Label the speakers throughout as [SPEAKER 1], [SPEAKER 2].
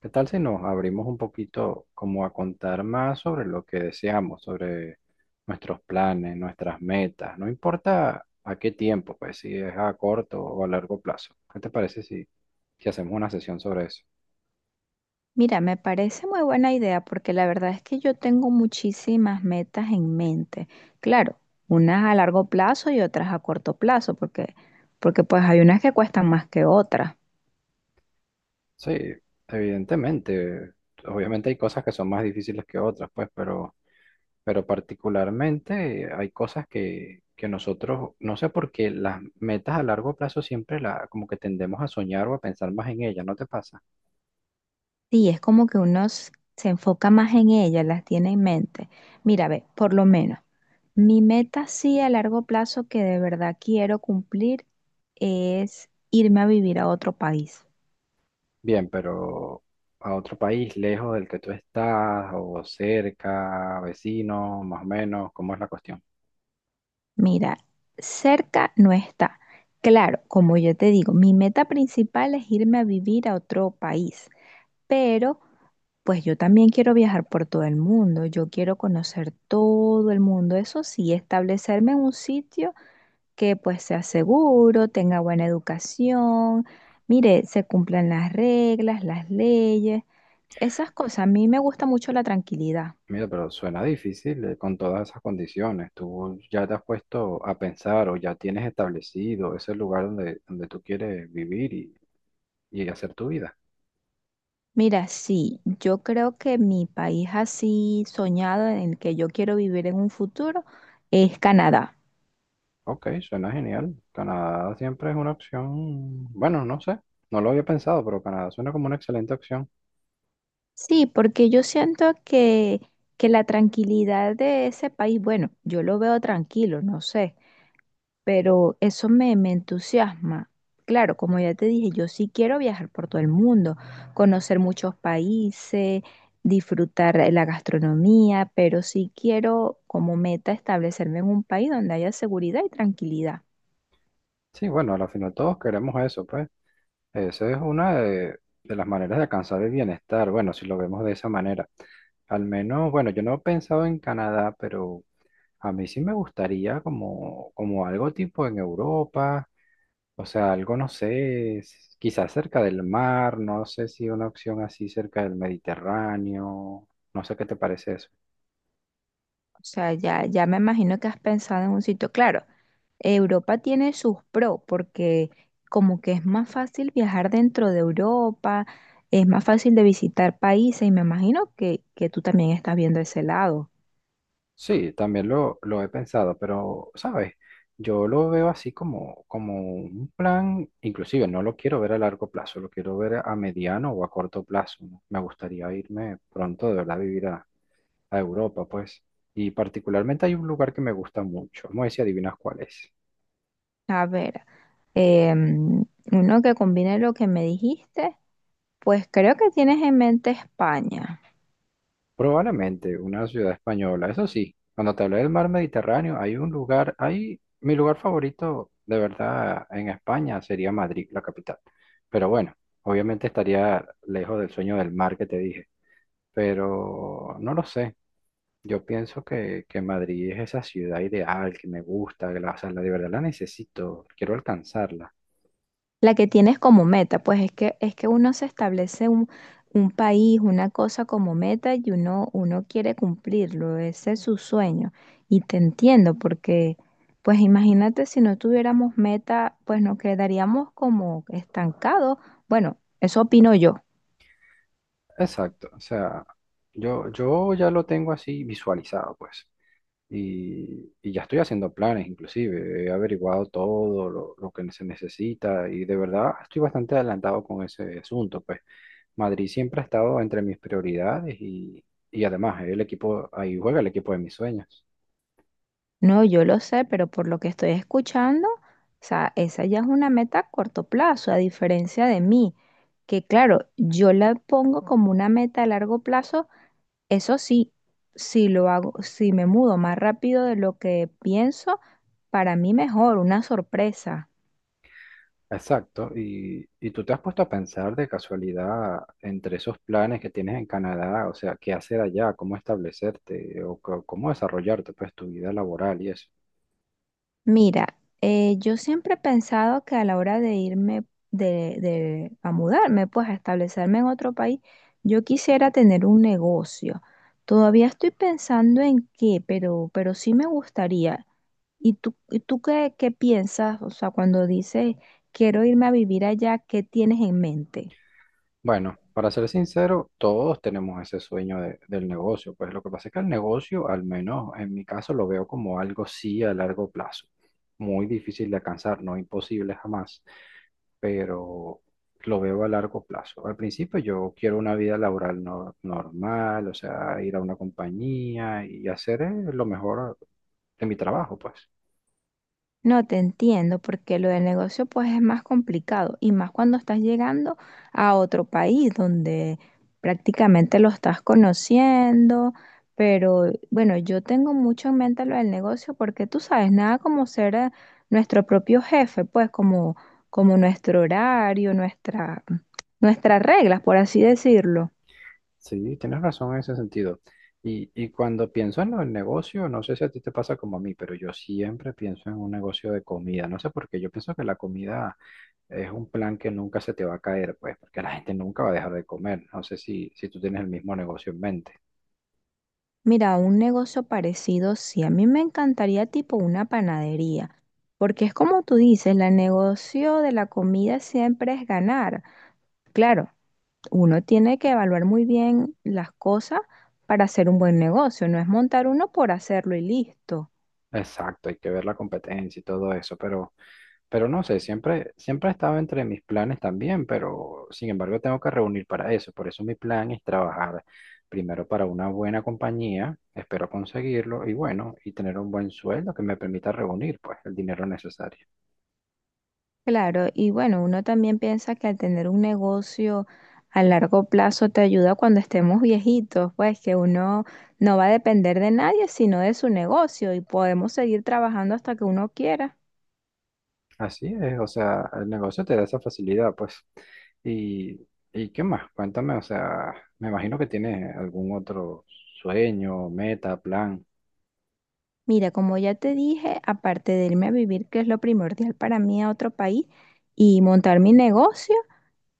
[SPEAKER 1] ¿Qué tal si nos abrimos un poquito como a contar más sobre lo que deseamos, sobre nuestros planes, nuestras metas? No importa a qué tiempo, pues si es a corto o a largo plazo. ¿Qué te parece si hacemos una sesión sobre eso?
[SPEAKER 2] Mira, me parece muy buena idea porque la verdad es que yo tengo muchísimas metas en mente. Claro, unas a largo plazo y otras a corto plazo, porque pues hay unas que cuestan más que otras.
[SPEAKER 1] Sí, evidentemente. Obviamente hay cosas que son más difíciles que otras, pues, pero particularmente hay cosas que nosotros, no sé por qué las metas a largo plazo siempre la, como que tendemos a soñar o a pensar más en ellas, ¿no te pasa?
[SPEAKER 2] Sí, es como que se enfoca más en ellas, las tiene en mente. Mira, ve, por lo menos, mi meta sí a largo plazo que de verdad quiero cumplir es irme a vivir a otro país.
[SPEAKER 1] Bien, pero a otro país lejos del que tú estás o cerca, vecino, más o menos, ¿cómo es la cuestión?
[SPEAKER 2] Mira, cerca no está. Claro, como yo te digo, mi meta principal es irme a vivir a otro país, pero pues yo también quiero viajar por todo el mundo, yo quiero conocer todo el mundo, eso sí, establecerme en un sitio que pues sea seguro, tenga buena educación, mire, se cumplan las reglas, las leyes, esas cosas. A mí me gusta mucho la tranquilidad.
[SPEAKER 1] Mira, pero suena difícil, con todas esas condiciones. ¿Tú ya te has puesto a pensar o ya tienes establecido ese lugar donde tú quieres vivir y hacer tu vida?
[SPEAKER 2] Mira, sí, yo creo que mi país así soñado en el que yo quiero vivir en un futuro es Canadá.
[SPEAKER 1] Ok, suena genial. Canadá siempre es una opción. Bueno, no sé, no lo había pensado, pero Canadá suena como una excelente opción.
[SPEAKER 2] Sí, porque yo siento que, la tranquilidad de ese país, bueno, yo lo veo tranquilo, no sé, pero eso me entusiasma. Claro, como ya te dije, yo sí quiero viajar por todo el mundo, conocer muchos países, disfrutar la gastronomía, pero sí quiero como meta establecerme en un país donde haya seguridad y tranquilidad.
[SPEAKER 1] Sí, bueno, al final todos queremos eso, pues. Esa es una de las maneras de alcanzar el bienestar, bueno, si lo vemos de esa manera. Al menos, bueno, yo no he pensado en Canadá, pero a mí sí me gustaría como algo tipo en Europa, o sea, algo, no sé, quizás cerca del mar, no sé si una opción así cerca del Mediterráneo, no sé qué te parece eso.
[SPEAKER 2] O sea, ya me imagino que has pensado en un sitio. Claro, Europa tiene sus pros porque como que es más fácil viajar dentro de Europa, es más fácil de visitar países y me imagino que tú también estás viendo ese lado.
[SPEAKER 1] Sí, también lo he pensado, pero, ¿sabes? Yo lo veo así como, como un plan, inclusive no lo quiero ver a largo plazo, lo quiero ver a mediano o a corto plazo, ¿no? Me gustaría irme pronto de verdad a vivir a Europa, pues. Y particularmente hay un lugar que me gusta mucho, vamos a ver si adivinas cuál es.
[SPEAKER 2] A ver, em, uno que combine lo que me dijiste, pues creo que tienes en mente España.
[SPEAKER 1] Probablemente una ciudad española. Eso sí, cuando te hablé del mar Mediterráneo, hay un lugar, hay mi lugar favorito de verdad en España sería Madrid, la capital. Pero bueno, obviamente estaría lejos del sueño del mar que te dije. Pero no lo sé. Yo pienso que Madrid es esa ciudad ideal que me gusta, que la, o sea, de verdad la necesito, quiero alcanzarla.
[SPEAKER 2] La que tienes como meta, pues es que uno se establece un país, una cosa como meta y uno quiere cumplirlo, ese es su sueño. Y te entiendo, porque pues imagínate si no tuviéramos meta, pues nos quedaríamos como estancados. Bueno, eso opino yo.
[SPEAKER 1] Exacto, o sea, yo ya lo tengo así visualizado, pues. Y ya estoy haciendo planes, inclusive. He averiguado todo lo que se necesita y de verdad estoy bastante adelantado con ese asunto. Pues Madrid siempre ha estado entre mis prioridades y además el equipo, ahí juega el equipo de mis sueños.
[SPEAKER 2] No, yo lo sé, pero por lo que estoy escuchando, o sea, esa ya es una meta a corto plazo, a diferencia de mí, que claro, yo la pongo como una meta a largo plazo. Eso sí, si lo hago, si me mudo más rápido de lo que pienso, para mí mejor, una sorpresa.
[SPEAKER 1] Exacto. Y tú te has puesto a pensar de casualidad entre esos planes que tienes en Canadá, o sea, qué hacer allá, cómo establecerte o cómo desarrollarte, pues tu vida laboral y eso.
[SPEAKER 2] Mira, yo siempre he pensado que a la hora de irme a mudarme, pues a establecerme en otro país, yo quisiera tener un negocio. Todavía estoy pensando en qué, pero sí me gustaría. ¿Y tú qué, qué piensas? O sea, cuando dices quiero irme a vivir allá, ¿qué tienes en mente?
[SPEAKER 1] Bueno, para ser sincero, todos tenemos ese sueño del negocio. Pues lo que pasa es que el negocio, al menos en mi caso, lo veo como algo sí a largo plazo. Muy difícil de alcanzar, no imposible jamás, pero lo veo a largo plazo. Al principio yo quiero una vida laboral normal, o sea, ir a una compañía y hacer lo mejor de mi trabajo, pues.
[SPEAKER 2] No te entiendo, porque lo del negocio pues es más complicado y más cuando estás llegando a otro país donde prácticamente lo estás conociendo, pero bueno, yo tengo mucho en mente lo del negocio porque tú sabes, nada como ser nuestro propio jefe, pues como, como nuestro horario, nuestras reglas, por así decirlo.
[SPEAKER 1] Sí, tienes razón en ese sentido. Y cuando pienso en el negocio, no sé si a ti te pasa como a mí, pero yo siempre pienso en un negocio de comida. No sé por qué, yo pienso que la comida es un plan que nunca se te va a caer, pues, porque la gente nunca va a dejar de comer. No sé si tú tienes el mismo negocio en mente.
[SPEAKER 2] Mira, un negocio parecido, sí, a mí me encantaría tipo una panadería. Porque es como tú dices, el negocio de la comida siempre es ganar. Claro, uno tiene que evaluar muy bien las cosas para hacer un buen negocio, no es montar uno por hacerlo y listo.
[SPEAKER 1] Exacto, hay que ver la competencia y todo eso, pero... Pero no sé, siempre ha estado entre mis planes también, pero sin embargo tengo que reunir para eso. Por eso mi plan es trabajar primero para una buena compañía, espero conseguirlo y bueno, y tener un buen sueldo que me permita reunir pues el dinero necesario.
[SPEAKER 2] Claro, y bueno, uno también piensa que al tener un negocio a largo plazo te ayuda cuando estemos viejitos, pues que uno no va a depender de nadie sino de su negocio y podemos seguir trabajando hasta que uno quiera.
[SPEAKER 1] Así es, o sea, el negocio te da esa facilidad pues. ¿Y, y qué más? Cuéntame, o sea, me imagino que tienes algún otro sueño, meta, plan.
[SPEAKER 2] Mira, como ya te dije, aparte de irme a vivir, que es lo primordial para mí a otro país, y montar mi negocio,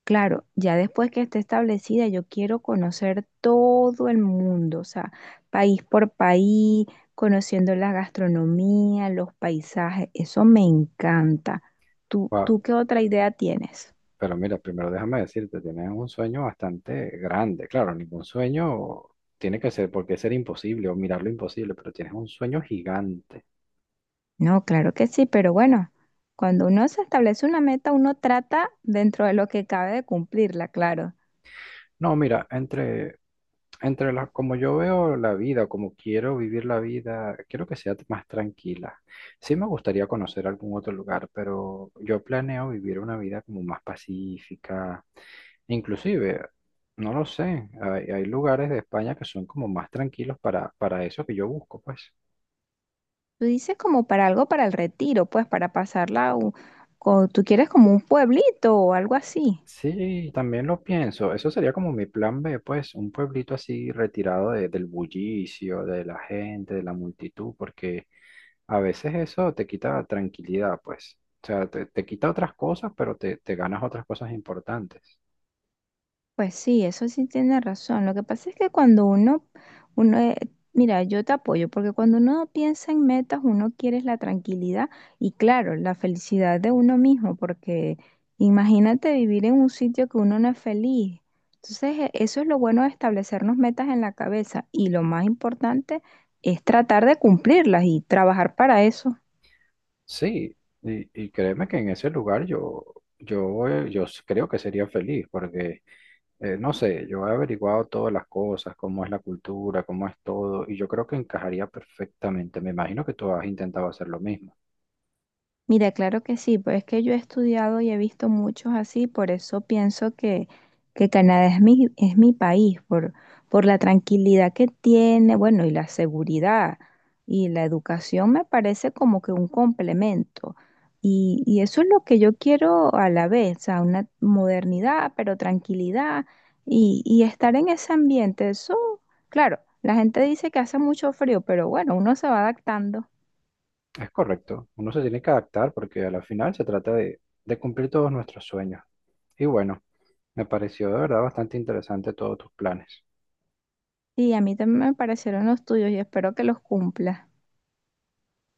[SPEAKER 2] claro, ya después que esté establecida, yo quiero conocer todo el mundo, o sea, país por país, conociendo la gastronomía, los paisajes, eso me encanta. Tú qué otra idea tienes?
[SPEAKER 1] Pero mira, primero déjame decirte, tienes un sueño bastante grande. Claro, ningún sueño tiene que ser, porque ser imposible o mirar lo imposible, pero tienes un sueño gigante.
[SPEAKER 2] No, claro que sí, pero bueno, cuando uno se establece una meta, uno trata dentro de lo que cabe de cumplirla, claro.
[SPEAKER 1] No, mira, entre las, como yo veo la vida, como quiero vivir la vida, quiero que sea más tranquila. Sí me gustaría conocer algún otro lugar, pero yo planeo vivir una vida como más pacífica. Inclusive, no lo sé, hay lugares de España que son como más tranquilos para eso que yo busco, pues.
[SPEAKER 2] Tú dices como para algo para el retiro, pues para pasarla, tú quieres como un pueblito o algo así.
[SPEAKER 1] Sí, también lo pienso. Eso sería como mi plan B, pues, un pueblito así retirado del bullicio, de la gente, de la multitud, porque a veces eso te quita tranquilidad, pues. O sea, te quita otras cosas, pero te ganas otras cosas importantes.
[SPEAKER 2] Pues sí, eso sí tiene razón. Lo que pasa es que cuando uno, mira, yo te apoyo, porque cuando uno piensa en metas, uno quiere es la tranquilidad y claro, la felicidad de uno mismo, porque imagínate vivir en un sitio que uno no es feliz. Entonces, eso es lo bueno de establecernos metas en la cabeza y lo más importante es tratar de cumplirlas y trabajar para eso.
[SPEAKER 1] Sí, y créeme que en ese lugar yo, yo, creo que sería feliz, porque, no sé, yo he averiguado todas las cosas, cómo es la cultura, cómo es todo, y yo creo que encajaría perfectamente. Me imagino que tú has intentado hacer lo mismo.
[SPEAKER 2] Mira, claro que sí, pues es que yo he estudiado y he visto muchos así, por eso pienso que Canadá es mi país, por la tranquilidad que tiene, bueno, y la seguridad y la educación me parece como que un complemento. Y eso es lo que yo quiero a la vez, o sea, una modernidad, pero tranquilidad y estar en ese ambiente. Eso, claro, la gente dice que hace mucho frío, pero bueno, uno se va adaptando.
[SPEAKER 1] Es correcto, uno se tiene que adaptar porque a la final se trata de cumplir todos nuestros sueños. Y bueno, me pareció de verdad bastante interesante todos tus planes.
[SPEAKER 2] Sí, a mí también me parecieron los tuyos y espero que los cumpla.